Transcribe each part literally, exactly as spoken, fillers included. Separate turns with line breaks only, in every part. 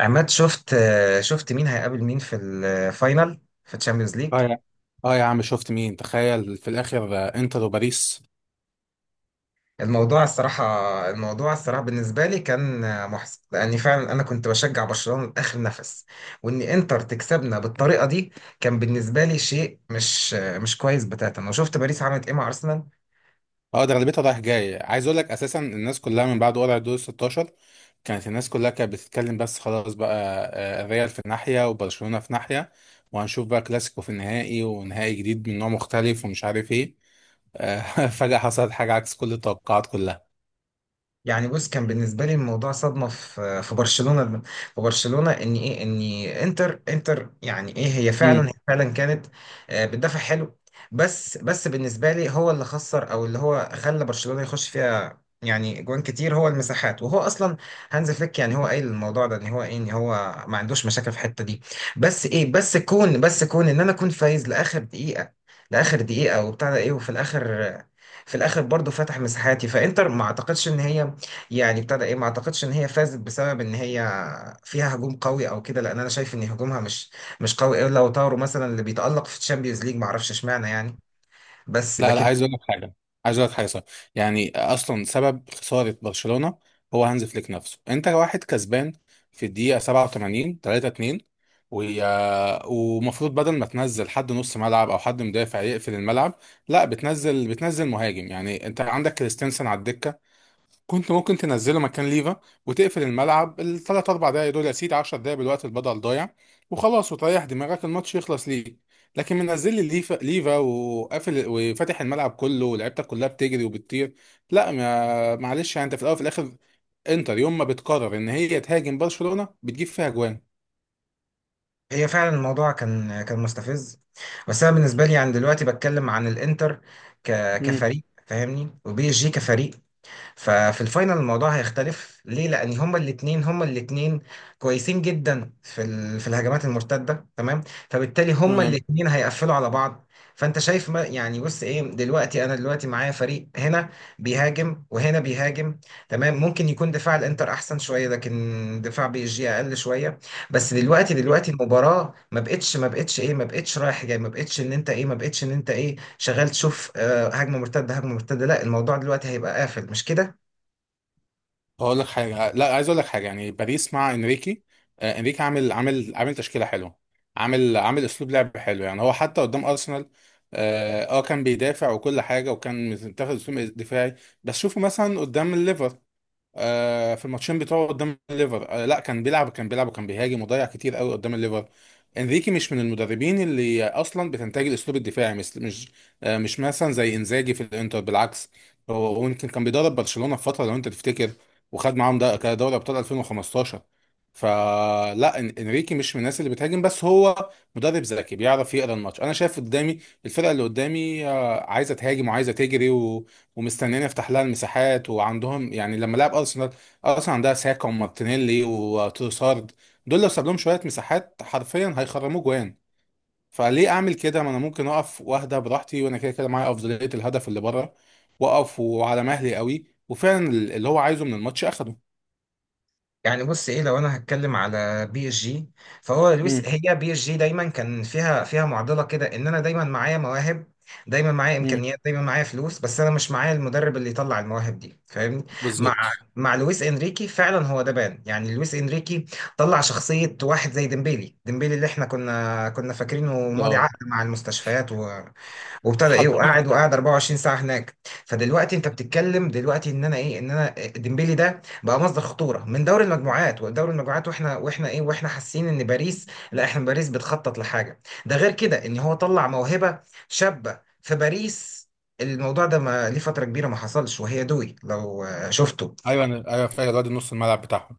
عماد، شفت شفت مين هيقابل مين في الفاينل في تشامبيونز ليج؟
اه يا اه يا عم، شفت مين؟ تخيل في الاخر، آه، انتر وباريس.
الموضوع الصراحة الموضوع الصراحة بالنسبة لي كان محزن، لأني فعلا أنا كنت بشجع برشلونة لآخر نفس، وإن إنتر تكسبنا بالطريقة دي كان بالنسبة لي شيء مش مش كويس بتاتا. أنا شفت باريس عملت إيه مع أرسنال.
اه، ده غالبيتها رايح جاي، عايز اقول لك اساسا الناس كلها من بعد قرعه دور ستاشر كانت الناس كلها كانت بتتكلم، بس خلاص بقى. آه، الريال في ناحيه وبرشلونه في ناحيه، وهنشوف بقى كلاسيكو في النهائي ونهائي جديد من نوع مختلف ومش عارف ايه. آه، فجاه حصلت حاجه عكس كل التوقعات كلها.
يعني بص، كان بالنسبه لي الموضوع صدمه في في برشلونه، في برشلونه ان ايه ان انتر انتر يعني ايه هي فعلا، هي فعلا كانت آه، بتدافع حلو. بس بس بالنسبه لي هو اللي خسر، او اللي هو خلى برشلونه يخش فيها يعني جوان كتير، هو المساحات. وهو اصلا هانز فليك يعني هو قايل الموضوع ده، ان هو ايه ان هو ما عندوش مشاكل في الحته دي. بس ايه، بس كون بس كون ان انا كنت فايز لاخر دقيقه لاخر دقيقه، وبتاع ده ايه وفي الاخر آه، في الاخر برضو فتح مساحاتي، فانتر ما اعتقدش ان هي يعني ابتدى ايه ما اعتقدش ان هي فازت بسبب ان هي فيها هجوم قوي او كده، لان انا شايف ان هجومها مش مش قوي، الا لو طاروا مثلا اللي بيتألق في الشامبيونز ليج، ما اعرفش اشمعنى يعني. بس
لا، لا،
لكن
عايز اقول لك حاجه، عايز اقول لك حاجه صح. يعني اصلا سبب خساره برشلونه هو هانز فليك نفسه. انت واحد كسبان في الدقيقه سبعه وتمانين تلاته اتنين، ويا- ومفروض بدل ما تنزل حد نص ملعب او حد مدافع يقفل الملعب، لا، بتنزل بتنزل مهاجم. يعني انت عندك كريستنسن على الدكه، كنت ممكن تنزله مكان ليفا وتقفل الملعب الثلاث اربع دقايق دول، يا سيدي عشر دقايق بالوقت البدل ضايع، وخلاص، وتريح دماغك الماتش يخلص ليك. لكن منزل لي ليفا، ليفا، وقافل وفاتح الملعب كله ولعيبتك كلها بتجري وبتطير. لا، ما معلش. يعني انت في الاول وفي الاخر، انتر يوم ما بتقرر ان هي تهاجم برشلونة بتجيب فيها جوان.
هي فعلا الموضوع كان كان مستفز. بس انا بالنسبه لي يعني دلوقتي بتكلم عن الانتر ك
مم.
كفريق فاهمني، وبي اس جي كفريق. ففي الفاينل الموضوع هيختلف، ليه؟ لان هما الاثنين هما الاثنين كويسين جدا في ال- في الهجمات المرتده، تمام؟ فبالتالي هما الاثنين هيقفلوا على بعض. فانت شايف، ما يعني بص ايه، دلوقتي انا دلوقتي معايا فريق هنا بيهاجم وهنا بيهاجم، تمام. ممكن يكون دفاع الانتر احسن شويه، لكن دفاع بي اس جي اقل شويه. بس دلوقتي، دلوقتي
تمام.
المباراه ما بقتش ما بقتش ايه ما بقتش رايح جاي، ما بقتش ان انت ايه ما بقتش ان انت ايه شغال تشوف آه، هجمه مرتده، هجمه مرتده. لا، الموضوع دلوقتي هيبقى قافل، مش كده؟
اقول لك حاجه، لا، عايز اقول لك حاجه. يعني باريس مع انريكي، آه، انريكي عامل عامل عامل تشكيله حلوه، عامل عامل اسلوب لعب حلو. يعني هو حتى قدام ارسنال، اه آه، كان بيدافع وكل حاجه، وكان متاخد اسلوب دفاعي. بس شوفوا مثلا قدام الليفر، آه، في الماتشين بتوعه قدام الليفر، آه، لا، كان بيلعب كان بيلعب وكان بيهاجم، وضيع كتير قوي قدام الليفر. انريكي مش من المدربين اللي اصلا بتنتج الاسلوب الدفاعي، مثل مش آه، مش مثلا زي انزاجي في الانتر، بالعكس. هو هو يمكن كان بيدرب برشلونة في فترة، لو انت تفتكر، وخد معاهم ده كان دوري ابطال الفين وخمستاشر. فلا، إن- انريكي مش من الناس اللي بتهاجم، بس هو مدرب ذكي بيعرف يقرا الماتش. انا شايف قدامي الفرقه اللي قدامي آه، عايزه تهاجم وعايزه تجري ومستنيين يفتح لها المساحات، وعندهم يعني لما لعب ارسنال، ارسنال عندها ساكا ومارتينيلي وتروسارد، دول لو ساب لهم شويه مساحات حرفيا هيخرموا جوان. فليه اعمل كده؟ ما انا ممكن اقف واهدى براحتي، وانا كده كده معايا افضليه الهدف اللي بره، واقف وعلى مهلي قوي، وفعلا اللي هو عايزه من الماتش اخده.
يعني بص ايه، لو انا هتكلم على بي اس جي، فهو لويس،
امم.
هي بي اس جي دايما كان فيها، فيها معضله كده، ان انا دايما معايا مواهب، دايما معايا
امم.
امكانيات، دايما معايا فلوس، بس انا مش معايا المدرب اللي يطلع المواهب دي، فاهمني؟ مع
بالظبط.
مع لويس انريكي فعلا هو ده بان. يعني لويس انريكي طلع شخصيه واحد زي ديمبيلي ديمبيلي، اللي احنا كنا كنا فاكرينه ماضي
اه.
عقد مع المستشفيات، وابتدى ايه
حرفياً.
وقاعد وقاعد اربعة وعشرين ساعه هناك. فدلوقتي انت بتتكلم دلوقتي ان انا ايه ان انا ديمبلي ده بقى مصدر خطوره من دوري المجموعات، ودوري المجموعات واحنا واحنا ايه واحنا حاسين ان باريس، لا، احنا باريس بتخطط لحاجه ده، غير كده ان هو طلع موهبه شابه في باريس. الموضوع ده ما ليه فترة كبيرة ما حصلش، وهي دوي لو آه، شفته.
ايوه، انا ايوه فاكر الواد نص الملعب بتاعهم.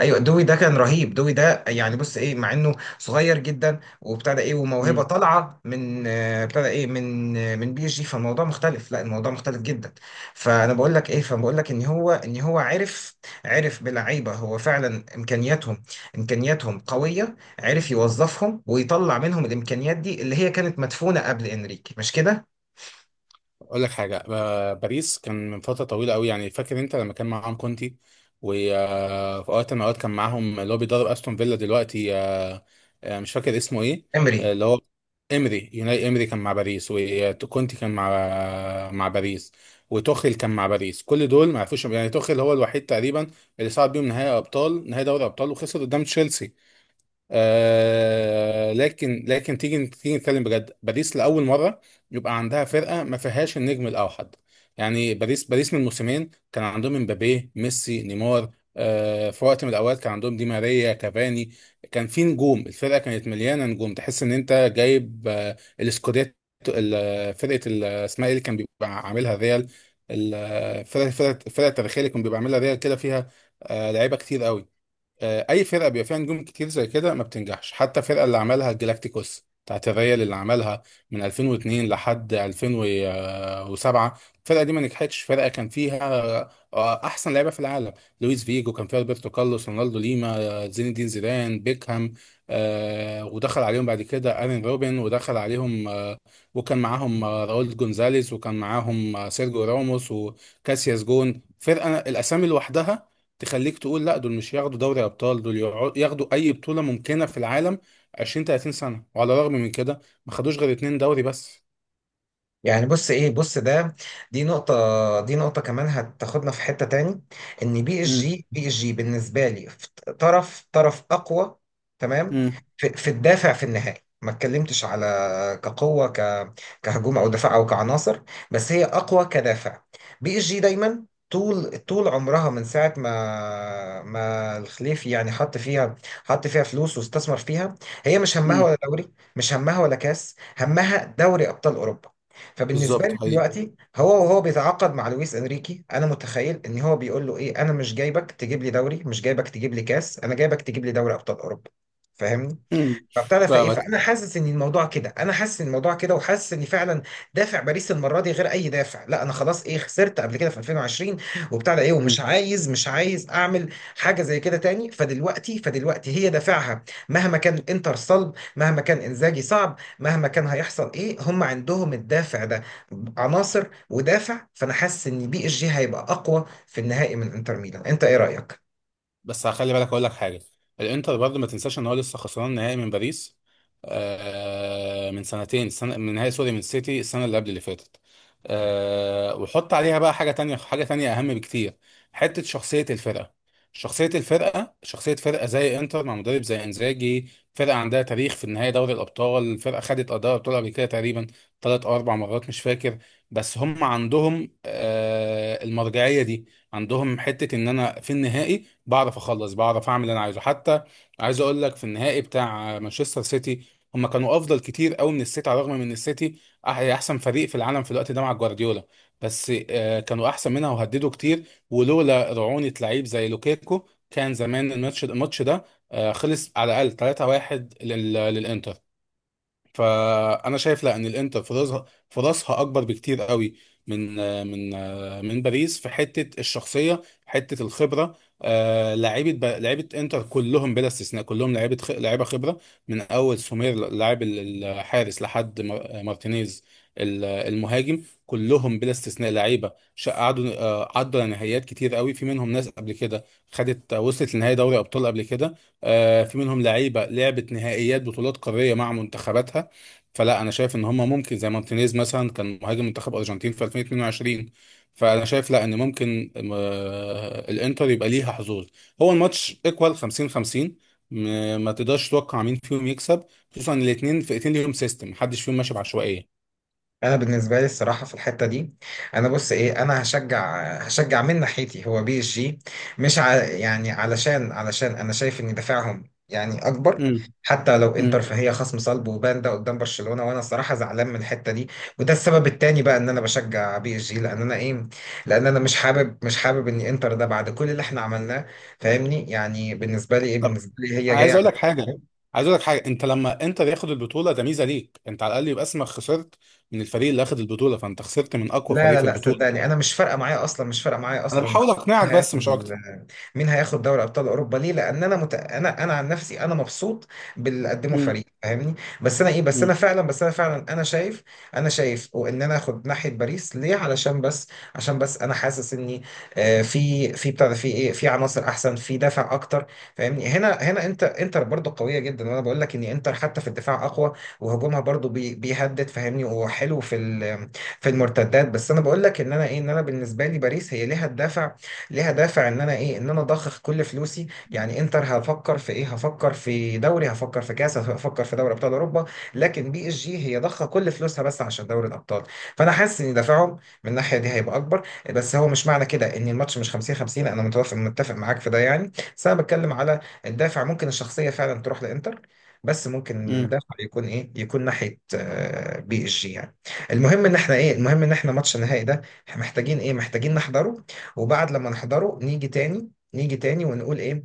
ايوه، دوي ده كان رهيب. دوي ده يعني بص ايه، مع انه صغير جدا، وابتدى ايه وموهبه
امم.
طالعه من آه، ابتدى ايه من آه، من بي اس جي، فالموضوع مختلف، لا الموضوع مختلف جدا. فانا بقول لك ايه، فبقول لك ان هو، ان هو عرف عرف بلعيبه، هو فعلا امكانياتهم امكانياتهم قويه، عرف يوظفهم ويطلع منهم الامكانيات دي اللي هي كانت مدفونه قبل انريكي، مش كده؟
اقول لك حاجه، ب- باريس كان من فتره طويله قوي، يعني فاكر انت لما كان معاهم كونتي؟ في وقت من الأوقات كان معاهم اللي هو بيدرب أستون فيلا دلوقتي، آه، آه، مش فاكر اسمه إيه،
امري.
آه، اللي هو إمري، يوناي إمري كان مع باريس، وكونتي كان مع، مع باريس، وتوخيل كان مع باريس. كل دول ما عرفوش. يعني توخيل هو الوحيد تقريبا اللي صعد بيهم نهائي أبطال، نهائي دوري أبطال، وخسر قدام تشيلسي. آه، لكن لكن تيجي تيجي نتكلم بجد، باريس لاول مره يبقى عندها فرقه ما فيهاش النجم الاوحد. يعني باريس باريس من موسمين كان عندهم امبابي ميسي نيمار، آه في وقت من الاوقات كان عندهم دي ماريا كافاني. كان في نجوم، الفرقه كانت مليانه نجوم، تحس ان انت جايب آه الاسكوديتو. ال- فرقه ال- اسمها ايه اللي كان بيبقى عاملها ريال، الفرقه الفرقه الفرقة التاريخيه اللي كان بيبقى عاملها ريال كده، فيها آه لعيبه كتير قوي. آه، اي فرقه بيبقى فيها نجوم كتير زي كده ما بتنجحش. حتى الفرقه اللي عملها الجلاكتيكوس بتاعت الريال، اللي عملها من الفين واتنين لحد الفين وسبعه، الفرقه دي ما نجحتش. فرقه كان فيها آه، احسن لعيبه في العالم، لويس فيجو كان فيها، روبرتو كارلوس، رونالدو ليما، آه، زين الدين زيدان، بيكهام، آه، ودخل عليهم بعد كده ارين روبن، ودخل عليهم آه، وكان معاهم آه، راؤول جونزاليز، وكان معاهم آه، سيرجيو راموس وكاسياس. جون، فرقه الاسامي لوحدها تخليك تقول لا دول مش ياخدوا دوري ابطال، دول يقعدوا- ياخدوا اي بطوله ممكنه في العالم عشرين تلاتين سنه. وعلى الرغم من كده ما خدوش غير اتنين دوري بس.
يعني بص ايه، بص ده دي نقطة، دي نقطة كمان هتاخدنا في حتة تاني، ان بي اس
مم.
جي بي اس جي بالنسبة لي في طرف طرف اقوى، تمام؟
مم.
في, في الدافع في النهائي. ما اتكلمتش على كقوة، ك كهجوم او دفاع او كعناصر، بس هي اقوى كدافع. بي اس جي دايما، طول طول عمرها من ساعة ما ما الخليفي يعني حط فيها حط فيها فلوس واستثمر فيها، هي مش همها ولا
مم.
دوري، مش همها ولا كاس، همها دوري ابطال اوروبا. فبالنسبه
بالظبط.
لي
حقيقي.
دلوقتي هو، وهو بيتعاقد مع لويس انريكي، انا متخيل ان هو بيقول له ايه: انا مش جايبك تجيب لي دوري، مش جايبك تجيب لي كاس، انا جايبك تجيب لي دوري ابطال اوروبا، فاهمني؟
مم.
فابتدى فايه
فاهمك.
فانا حاسس ان الموضوع كده، انا حاسس ان الموضوع كده وحاسس ان فعلا دافع باريس المره دي غير اي دافع. لا، انا خلاص ايه، خسرت قبل كده في الفين وعشرين، وبتاع ده ايه، ومش
مم.
عايز مش عايز اعمل حاجه زي كده تاني. فدلوقتي، فدلوقتي هي دافعها مهما كان الانتر صلب، مهما كان انزاجي صعب، مهما كان هيحصل ايه، هم عندهم الدافع ده. عناصر ودافع، فانا حاسس ان بي اس جي هيبقى اقوى في النهائي من انتر ميلان. انت ايه رايك؟
بس هخلي بالك، اقول لك حاجه، الانتر برضه ما تنساش ان هو لسه خسران نهائي من باريس آه من سنتين سنة، من نهائي سوري، من سيتي السنه اللي قبل اللي فاتت. آه، وحط عليها بقى حاجه تانية، حاجه تانية اهم بكتير، حته شخصيه الفرقه. شخصيه الفرقه، شخصيه فرقه زي انتر مع مدرب زي انزاجي، فرقه عندها تاريخ في النهائي دوري الابطال، فرقه خدت اداء ابطال قبل كده تقريبا ثلاث او اربع مرات مش فاكر. بس هم عندهم آه المرجعيه دي، عندهم حته ان انا في النهائي بعرف اخلص، بعرف اعمل اللي انا عايزه. حتى عايز اقول لك في النهائي بتاع مانشستر سيتي، هم كانوا افضل كتير قوي من السيتي، على الرغم من ان السيتي أح- يعني احسن فريق في العالم في الوقت ده مع جوارديولا، بس آه، كانوا احسن منها وهددوا كتير. ولولا رعونة لعيب زي لوكيكو كان زمان الماتش الماتش ده آه، خلص على الاقل تلاته واحد لل- للانتر. فانا شايف لا، ان الانتر فرصها فرصها اكبر بكتير قوي، من من من باريس، في حته الشخصيه، حته الخبره. آه، لعيبه ب- لعيبه انتر كلهم بلا استثناء، كلهم لعيبه خ- لعيبه خبره، من اول سومير لاعب ال- الحارس لحد مار- مارتينيز ال- المهاجم. كلهم بلا استثناء لعيبه شا- قعدوا آه، عدوا نهائيات كتير قوي، في منهم ناس قبل كده خدت، وصلت لنهائي دوري ابطال قبل كده. آه، في منهم لعيبه لعبت نهائيات بطولات قاريه مع منتخباتها. فلا، انا شايف ان هم ممكن، زي مارتينيز مثلا كان مهاجم منتخب ارجنتين في الفين واتنين وعشرين. فانا شايف لا، ان ممكن آه، الانتر يبقى ليها حظوظ. هو الماتش ايكوال خمسين خمسين، م- ما تقدرش تتوقع مين فيهم يكسب، خصوصا ان الاثنين فرقتين ليهم سيستم، محدش فيهم ماشي بعشوائيه.
انا بالنسبه لي الصراحه في الحته دي، انا بص ايه، انا هشجع هشجع من ناحيتي هو بي اس جي. مش ع... يعني علشان علشان انا شايف ان دفاعهم يعني اكبر،
امم.
حتى لو انتر
امم.
فهي خصم صلب، وبان ده قدام برشلونه، وانا الصراحه زعلان من الحته دي. وده السبب التاني بقى ان انا بشجع بي اس جي، لان انا ايه، لان انا مش حابب مش حابب ان انتر ده بعد كل اللي احنا عملناه، فاهمني؟ يعني بالنسبه لي ايه
طب،
بالنسبه لي هي جايه.
عايز اقول لك حاجه، عايز اقول لك حاجه انت لما انتر ياخد البطوله، ده ميزه ليك انت. على الاقل يبقى اسمك خسرت من الفريق اللي اخد البطوله، فانت خسرت من اقوى
لا
فريق
لا
في
لا،
البطوله.
صدقني انا مش فارقه معايا اصلا، مش فارقه معايا
انا
اصلا.
بحاول اقنعك
مين
بس مش اكتر.
هياخد مين هياخد دوري ابطال اوروبا، ليه؟ لان انا مت... انا انا عن نفسي انا مبسوط باللي قدمه فريق، فاهمني؟ بس انا ايه، بس انا فعلا بس انا فعلا انا شايف انا شايف. وان انا اخد ناحيه باريس ليه؟ علشان بس عشان بس انا حاسس اني آه، في في بتاع ده، في ايه في عناصر احسن، في دافع اكتر، فاهمني؟ هنا هنا انت، انتر برضه قويه جدا، وانا بقول لك ان انتر حتى في الدفاع اقوى، وهجومها برضه بي... بيهدد فاهمني، وحلو في ال... في المرتدات. بس انا بقول لك ان انا ايه، ان انا بالنسبه لي باريس هي ليها الدافع، ليها دافع ان انا ايه ان انا اضخ كل فلوسي. يعني انتر هفكر في ايه هفكر في دوري، هفكر في كاس، هفكر في دوري ابطال اوروبا، لكن بي اس جي هي ضخه كل فلوسها بس عشان دوري الابطال. فانا حاسس ان دافعهم من الناحيه دي هيبقى اكبر. بس هو مش معنى كده ان الماتش مش خمسين خمسين، انا متوافق متفق معاك في ده يعني، بس انا بتكلم على الدافع. ممكن الشخصيه فعلا تروح لانتر، بس ممكن
امم.
الدافع يكون ايه، يكون ناحيه آه، بي اس جي يعني. المهم ان احنا ايه، المهم ان احنا ماتش النهائي ده احنا محتاجين ايه، محتاجين نحضره، وبعد لما نحضره نيجي تاني، نيجي تاني ونقول ايه،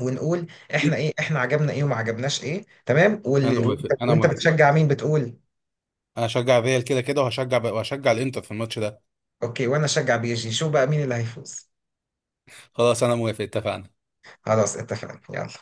ونقول احنا ايه، احنا عجبنا ايه وما عجبناش ايه، تمام.
انا
وال... وانت،
موافق انا
وإنت
موافق،
بتشجع مين، بتقول؟
انا هشجع الريال كده كده، وهشجع وهشجع الانتر في الماتش ده.
اوكي، وانا اشجع بيجي شو، بقى مين اللي هيفوز.
خلاص، انا موافق، اتفقنا.
خلاص، اتفقنا يلا.